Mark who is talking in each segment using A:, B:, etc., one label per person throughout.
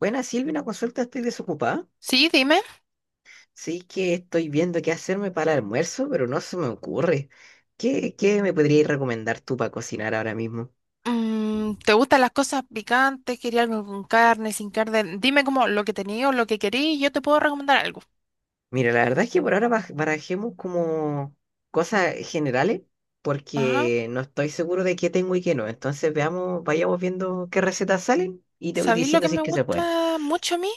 A: Buena, Silvia, una consulta, estoy desocupada.
B: Sí, dime.
A: Sí que estoy viendo qué hacerme para el almuerzo, pero no se me ocurre. ¿Qué me podrías recomendar tú para cocinar ahora mismo?
B: ¿Te gustan las cosas picantes? ¿Quería algo con carne, sin carne? Dime como lo que tenía o lo que quería y yo te puedo recomendar algo.
A: Mira, la verdad es que por ahora barajemos como cosas generales,
B: Ajá.
A: porque no estoy seguro de qué tengo y qué no. Entonces veamos, vayamos viendo qué recetas salen y te voy
B: ¿Sabéis lo
A: diciendo
B: que
A: si
B: me
A: es que se puede.
B: gusta mucho a mí?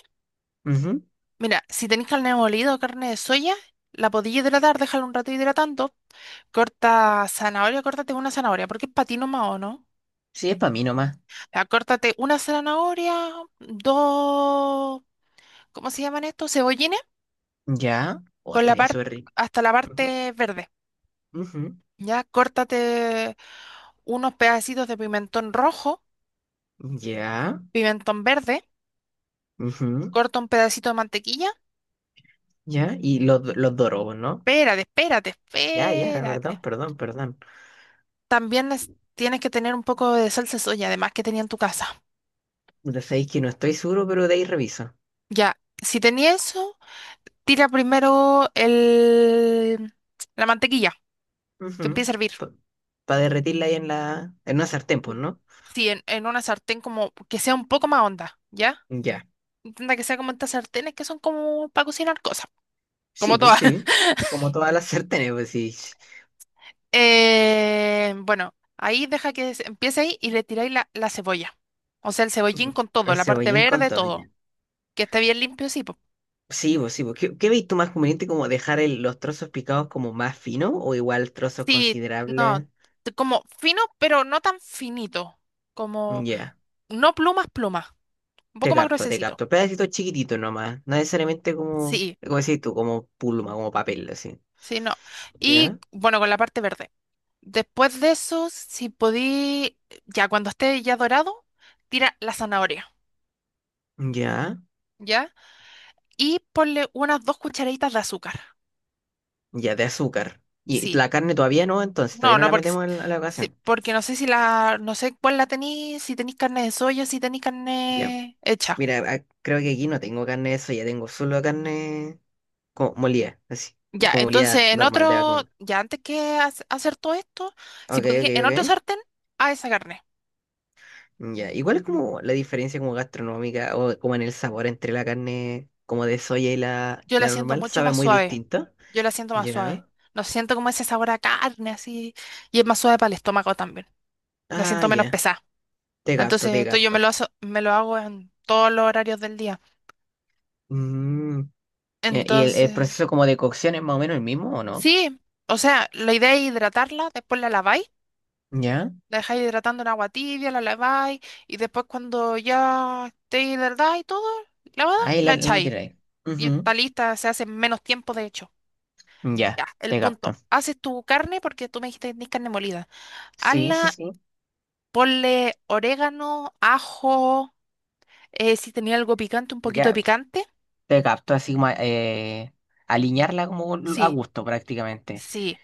A: Ujú.
B: Mira, si tenéis carne molida o carne de soya, la podéis hidratar, déjala un rato hidratando. Corta zanahoria, córtate una zanahoria, porque es patino más o no.
A: Sí, es para mí nomás.
B: Ya, córtate una zanahoria, dos, ¿cómo se llaman estos? Cebollines,
A: Ya. O
B: con la
A: estaría
B: parte,
A: súper rico.
B: hasta la
A: Ujú,
B: parte verde.
A: ujú.
B: Ya, córtate unos pedacitos de pimentón rojo,
A: Ya.
B: pimentón verde,
A: ujú,
B: corta un pedacito de mantequilla.
A: ya. Y los dorobos, ¿no?
B: Espérate, espérate,
A: Ya, ya,
B: espérate.
A: perdón, perdón, perdón.
B: También tienes que tener un poco de salsa de soya, además que tenía en tu casa.
A: Lo sabéis que no estoy seguro, pero de ahí reviso.
B: Ya, si tenía eso, tira primero la mantequilla, que empiece a hervir.
A: Para derretirla ahí en la. En una sartén, pues,
B: Sí,
A: ¿no?
B: sí, en una sartén como que sea un poco más honda, ¿ya?
A: Ya.
B: Intenta que sea como estas sartenes que son como para cocinar cosas,
A: Sí,
B: como
A: pues
B: todas.
A: sí. Como todas las sartenes, pues sí.
B: Bueno, ahí deja que empiece ahí y le tiráis la cebolla. O sea, el cebollín
A: Mm,
B: con todo,
A: el
B: la parte
A: cebollín con
B: verde,
A: todo,
B: todo.
A: ya.
B: Que esté bien limpio, sí, po.
A: Sí, pues sí, pues. ¿Qué veis tú más conveniente como dejar los trozos picados como más finos o igual trozos
B: Sí, no,
A: considerables?
B: como fino, pero no tan finito.
A: Mm,
B: Como,
A: ya.
B: no plumas, plumas. Un
A: Te
B: poco más
A: capto, te
B: gruesecito.
A: capto. Pedacitos chiquititos nomás. No necesariamente como.
B: Sí,
A: Como decís tú, como pluma, como papel, así.
B: sí, no. Y
A: Ya,
B: bueno, con la parte verde. Después de eso, si podí, ya cuando esté ya dorado, tira la zanahoria,
A: ya.
B: ¿ya? Y ponle unas dos cucharaditas de azúcar.
A: Ya, de azúcar. Y
B: Sí.
A: la carne todavía no, entonces
B: No,
A: todavía no
B: no,
A: la
B: porque,
A: metemos en a la
B: sí,
A: ocasión.
B: porque no sé si la, no sé cuál la tenéis, si tenéis carne de soya, si tenéis
A: Ya,
B: carne hecha.
A: mira, ah, creo que aquí no tengo carne de eso, ya tengo solo carne como molida, así,
B: Ya,
A: como
B: entonces
A: molida
B: en
A: normal de
B: otro,
A: vacuno.
B: ya antes que hacer todo esto, si
A: Ok,
B: podía,
A: ok,
B: en otro
A: ok.
B: sartén, a esa carne.
A: Ya, igual es como la diferencia como gastronómica o como en el sabor entre la carne como de soya y la,
B: Yo la
A: la
B: siento
A: normal,
B: mucho
A: sabe
B: más
A: muy
B: suave.
A: distinto.
B: Yo la siento más suave.
A: Ya.
B: No siento como ese sabor a carne así. Y es más suave para el estómago también. La
A: Ah,
B: siento menos
A: ya,
B: pesada.
A: te capto,
B: Entonces,
A: te
B: esto yo me
A: capto.
B: lo, me lo hago en todos los horarios del día.
A: Mm, ya. ¿Y el
B: Entonces,
A: proceso como de cocción es más o menos el mismo o no?
B: sí. O sea, la idea es hidratarla, después la laváis.
A: Ya.
B: La dejáis hidratando en agua tibia, la laváis y después cuando ya esté hidratada y todo, lavada,
A: Ahí la,
B: la
A: la
B: echáis.
A: tiráis.
B: Y
A: Ujú.
B: está lista, se hace en menos tiempo de hecho.
A: Ya,
B: Ya, el
A: te capto.
B: punto. Haces tu carne porque tú me dijiste que tenés carne molida.
A: Sí, sí,
B: Hazla,
A: sí.
B: ponle orégano, ajo, si tenía algo picante, un poquito de
A: Ya,
B: picante.
A: te capto así como alinearla como a
B: Sí,
A: gusto prácticamente.
B: sí.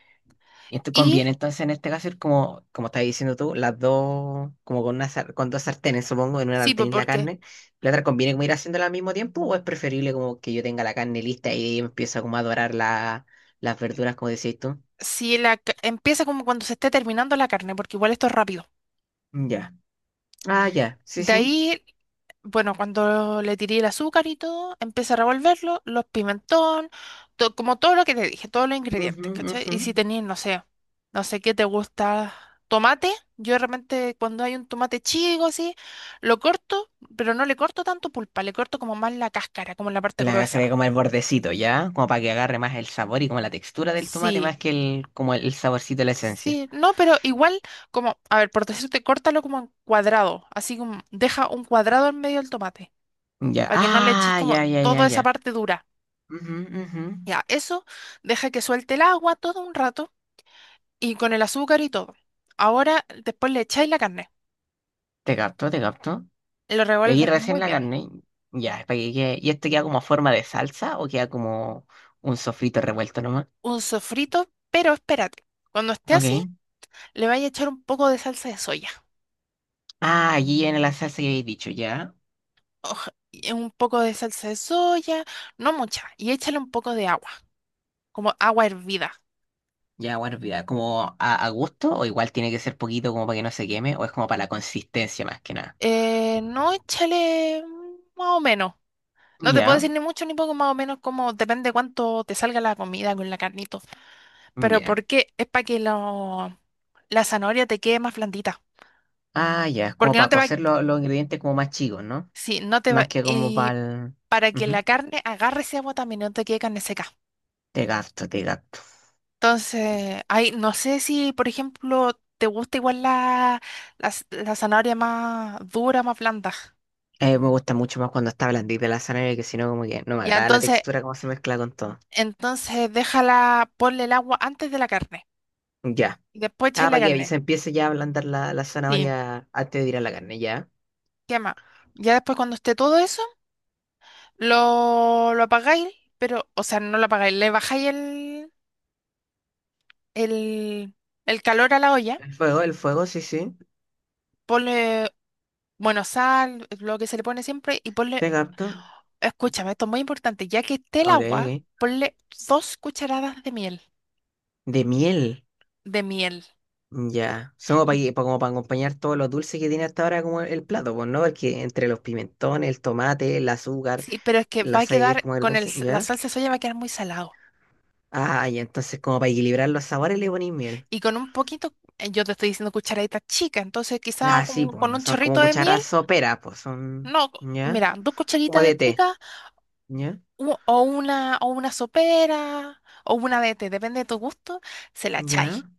A: Y esto
B: Y
A: conviene entonces en este caso ir como estás diciendo tú, las dos, como con con dos sartenes, supongo, en una
B: sí, pues
A: sartén la
B: porque
A: carne. ¿La otra conviene como ir haciéndola al mismo tiempo o es preferible como que yo tenga la carne lista y de ahí empiezo como a dorar las verduras como decís tú?
B: si empieza como cuando se esté terminando la carne, porque igual esto es rápido.
A: Ya. Ah, ya. Sí,
B: De
A: sí.
B: ahí bueno, cuando le tiré el azúcar y todo, empecé a revolverlo, los pimentón, como todo lo que te dije, todos los
A: Ujú,
B: ingredientes, ¿cachai?
A: ujú.
B: Y si tenías, no sé, no sé qué te gusta, tomate, yo de repente cuando hay un tomate chico así, lo corto, pero no le corto tanto pulpa, le corto como más la cáscara, como la parte
A: La
B: gruesa.
A: agarré como el bordecito, ¿ya? Como para que agarre más el sabor y como la textura del tomate
B: Sí,
A: más que el saborcito de la esencia.
B: sí, no, pero igual, como, a ver, por decirte, córtalo como en cuadrado, así como deja un cuadrado en medio del tomate,
A: Ya.
B: para que no le eches
A: Ah,
B: como
A: ya, ya, ya,
B: toda
A: ya.
B: esa parte dura.
A: Ujú, ujú.
B: Ya, eso deja que suelte el agua todo un rato y con el azúcar y todo. Ahora después le echáis la carne,
A: Te capto, te capto.
B: lo
A: Y aquí
B: revuelves muy
A: recién la
B: bien.
A: carne. Ya. es para que quede- ¿Y esto queda como forma de salsa o queda como un sofrito revuelto nomás?
B: Un sofrito, pero espérate, cuando esté así
A: Ok.
B: le vais a echar un poco de salsa de soya.
A: Ah, allí en la salsa que habéis dicho, ya.
B: Oj, y un poco de salsa de soya, no mucha, y échale un poco de agua, como agua hervida.
A: Ya, bueno, vida, como a gusto o igual tiene que ser poquito como para que no se queme o es como para la consistencia más que nada.
B: No échale más o menos. No te puedo
A: Ya,
B: decir ni mucho ni poco, más o menos, como depende cuánto te salga la comida con la carnito. Pero
A: ya.
B: ¿por qué? Es para que lo la zanahoria te quede más blandita,
A: Ah, ya, es como
B: porque no
A: para
B: te va,
A: cocer los ingredientes como más chicos, ¿no?
B: sí, no te va,
A: Más que como para
B: y
A: el.
B: para que
A: Ujú.
B: la carne agarre ese agua también, no te quede carne seca.
A: Te gasto, te gasto.
B: Entonces, ahí no sé si, por ejemplo, te gusta igual la, la, la zanahoria más dura, más blanda.
A: Me gusta mucho más cuando está blandita la zanahoria, que si no, como que no me
B: Ya,
A: agrada la
B: entonces,
A: textura, cómo se mezcla con todo.
B: entonces déjala, ponle el agua antes de la carne
A: Ya.
B: y después echar
A: Ah,
B: la
A: para que
B: carne.
A: se empiece ya a ablandar la
B: Sí,
A: zanahoria antes de tirar la carne, ya.
B: quema. Ya después cuando esté todo eso, lo apagáis, pero, o sea, no lo apagáis, le bajáis el, el calor a la olla,
A: El fuego, sí, sí.
B: ponle, bueno, sal, lo que se le pone siempre, y ponle,
A: Te gasto.
B: escúchame, esto es muy importante, ya que esté el
A: Ok,
B: agua,
A: ok.
B: ponle dos cucharadas de miel,
A: De miel.
B: de miel.
A: Ya. Son
B: Y-
A: como para acompañar todos los dulces que tiene hasta ahora como el plato, pues, ¿no? Porque entre los pimentones, el tomate, el azúcar,
B: Sí, pero es que va
A: la
B: a
A: sal que es
B: quedar,
A: como el
B: con el,
A: dulce,
B: la
A: ¿ya?
B: salsa de soya va a quedar muy salado.
A: Ah, y entonces como para equilibrar los sabores le ponéis miel.
B: Y con un poquito, yo te estoy diciendo cucharaditas chicas, entonces quizá
A: Ah, sí,
B: como
A: pues
B: con
A: no
B: un
A: son como
B: chorrito de miel,
A: cucharas soperas, pues son,
B: no,
A: ¿ya?
B: mira, dos
A: Como
B: cucharitas
A: de té,
B: chicas,
A: ¿ya?
B: o una sopera, o una de té, depende de tu gusto, se la echáis.
A: ¿Ya?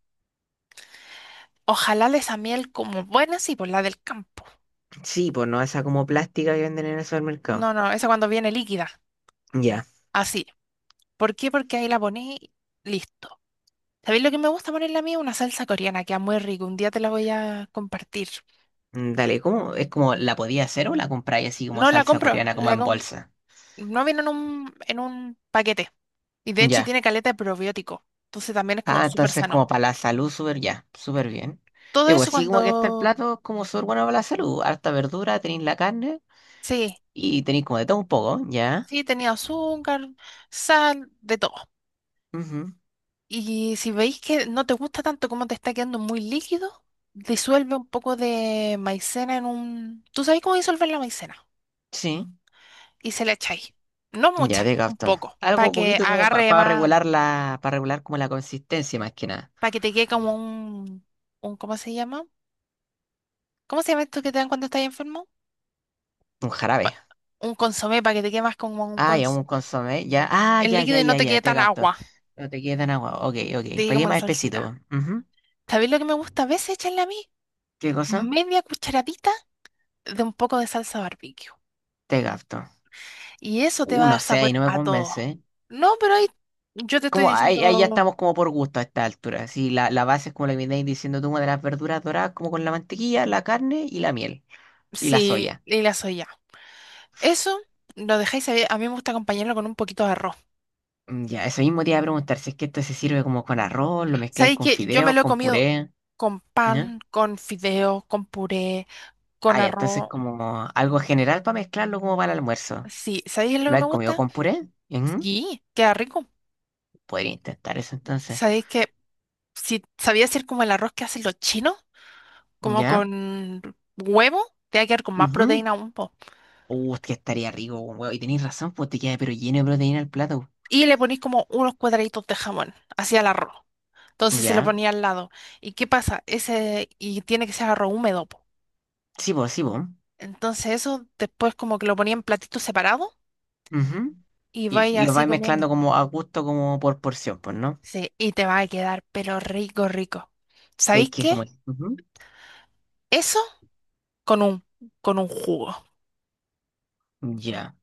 B: Ojalá de esa miel como buena, sí, por la del campo.
A: Sí, pues no, esa como plástica que venden en el supermercado.
B: No, no, esa cuando viene líquida.
A: Ya.
B: Así. ¿Por qué? Porque ahí la poní, listo. ¿Sabéis lo que me gusta ponerle a mí? Una salsa coreana, queda muy rico. Un día te la voy a compartir.
A: Mm, dale, ¿cómo? ¿Es como la podía hacer o la compráis así como
B: No la
A: salsa
B: compro,
A: coreana, como en bolsa?
B: no viene en un paquete. Y de hecho
A: Ya.
B: tiene caleta de probiótico. Entonces también es como
A: Ah,
B: súper
A: entonces
B: sano.
A: como para la salud, súper ya, súper bien.
B: Todo
A: Y pues
B: eso
A: sí, como que este
B: cuando...
A: plato es como súper bueno para la salud. Harta verdura, tenéis la carne
B: Sí,
A: y tenéis como de todo un poco, ¿ya?
B: sí, tenía azúcar, sal, de todo.
A: Ujú,
B: Y si veis que no te gusta tanto como te está quedando muy líquido, disuelve un poco de maicena en un... ¿Tú sabes cómo disolver la maicena?
A: sí.
B: Y se la echáis. No
A: Ya
B: mucha,
A: te
B: un
A: capto.
B: poco, para
A: Algo
B: que
A: poquito como
B: agarre
A: para
B: más,
A: regular como la consistencia más que nada.
B: para que te quede como un... ¿Cómo se llama? ¿Cómo se llama esto que te dan cuando estás enfermo?
A: Un jarabe.
B: Un consomé, para que te quede más como un
A: Ah, ya un
B: consomé.
A: consomé. Ya. Ah,
B: El
A: ya,
B: líquido
A: ya,
B: y no
A: ya,
B: te
A: ya,
B: quede
A: te
B: tan
A: capto.
B: agua,
A: No te queda en agua. Ok,
B: te
A: ok.
B: quede
A: Pagué
B: como la
A: más espesito,
B: salsita.
A: po. Ujú.
B: ¿Sabéis lo que me gusta a veces echarle a mí?
A: ¿Qué cosa?
B: Media cucharadita de un poco de salsa barbecue.
A: Te capto.
B: Y eso te va a
A: No
B: dar
A: sé, ahí
B: sabor
A: no me
B: a todo.
A: convence. ¿Eh?
B: No, pero ahí yo te estoy
A: Como ahí ya
B: diciendo
A: estamos como por gusto a esta altura. Sí, la base es como la que me estáis diciendo tú, como de las verduras doradas, como con la mantequilla, la carne y la miel. Y la
B: sí,
A: soya.
B: y la soya. Eso lo dejáis ahí. A mí me gusta acompañarlo con un poquito de arroz.
A: Mm, ya, eso mismo te iba a preguntar si es que esto se sirve como con arroz, lo mezcláis
B: Sabéis
A: con
B: que yo me
A: fideos,
B: lo he
A: con
B: comido
A: puré.
B: con
A: ¿Ya?
B: pan, con fideo, con puré, con
A: Ah, ya, entonces
B: arroz.
A: como algo general para mezclarlo como para el almuerzo.
B: Sí, ¿sabéis lo que
A: ¿Lo
B: me
A: has comido
B: gusta?
A: con puré? Ujú.
B: Sí, queda rico.
A: Podría intentar eso entonces.
B: ¿Sabéis que si sabía hacer como el arroz que hacen los chinos, como
A: ¿Ya?
B: con huevo, te va a quedar con más
A: Ujú.
B: proteína aún, po?
A: Es que estaría rico, huevo. Y tenéis razón, pues te queda pero lleno de proteína el plato.
B: Y le ponéis como unos cuadraditos de jamón hacia el arroz. Entonces se lo
A: ¿Ya?
B: ponía al lado. ¿Y qué pasa? Ese, y tiene que ser arroz húmedo, po.
A: Sí, vos, sí, vos.
B: Entonces eso después como que lo ponía en platito separado
A: Ujú.
B: y
A: Y,
B: vais
A: y lo
B: así
A: vais mezclando
B: comiendo.
A: como a gusto, como por porción, pues, ¿no?
B: Sí, y te va a quedar, pero rico, rico.
A: ¿Sabéis
B: ¿Sabéis
A: que es
B: qué?
A: como? Ujú.
B: Eso con un, con un jugo.
A: Ya.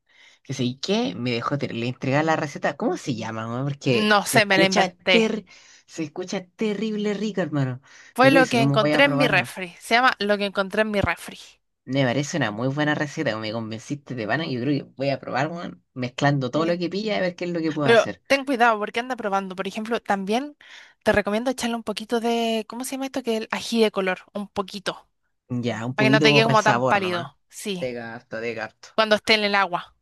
A: Que sé que me dejó le entregaba la receta. ¿Cómo se llama, hermano? Porque
B: No
A: se
B: sé, me lo
A: escucha
B: inventé.
A: ter se escucha terrible rico, hermano. Yo
B: Fue
A: creo que
B: lo
A: eso
B: que
A: mismo voy a
B: encontré en mi
A: probar, hermano.
B: refri. Se llama lo que encontré en mi refri.
A: Me parece una muy buena receta, me convenciste de pana. Yo creo que voy a probar, hermano, mezclando todo lo
B: Sí.
A: que pilla a ver qué es lo que puedo
B: Pero
A: hacer.
B: ten cuidado porque anda probando. Por ejemplo, también te recomiendo echarle un poquito de, ¿cómo se llama esto? Que el ají de color, un poquito.
A: Ya, un
B: Para que no
A: poquito
B: te
A: como
B: quede
A: para el
B: como tan
A: sabor nomás.
B: pálido. Sí,
A: De gato, de gato.
B: cuando esté en el agua.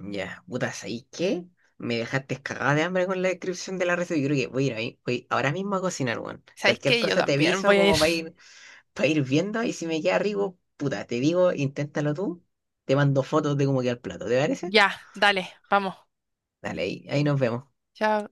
A: Ya, puta, ¿sabes qué? Me dejaste cagada de hambre con la descripción de la receta. Yo creo que voy a ir ahí, voy ahora mismo a cocinar, weón.
B: ¿Sabéis
A: Cualquier
B: qué? Yo
A: cosa te
B: también
A: aviso
B: voy a ir.
A: como para ir viendo y si me queda rico, puta, te digo, inténtalo tú, te mando fotos de cómo queda el plato, ¿te parece?
B: Ya, dale, vamos.
A: Dale, ahí nos vemos.
B: Chao.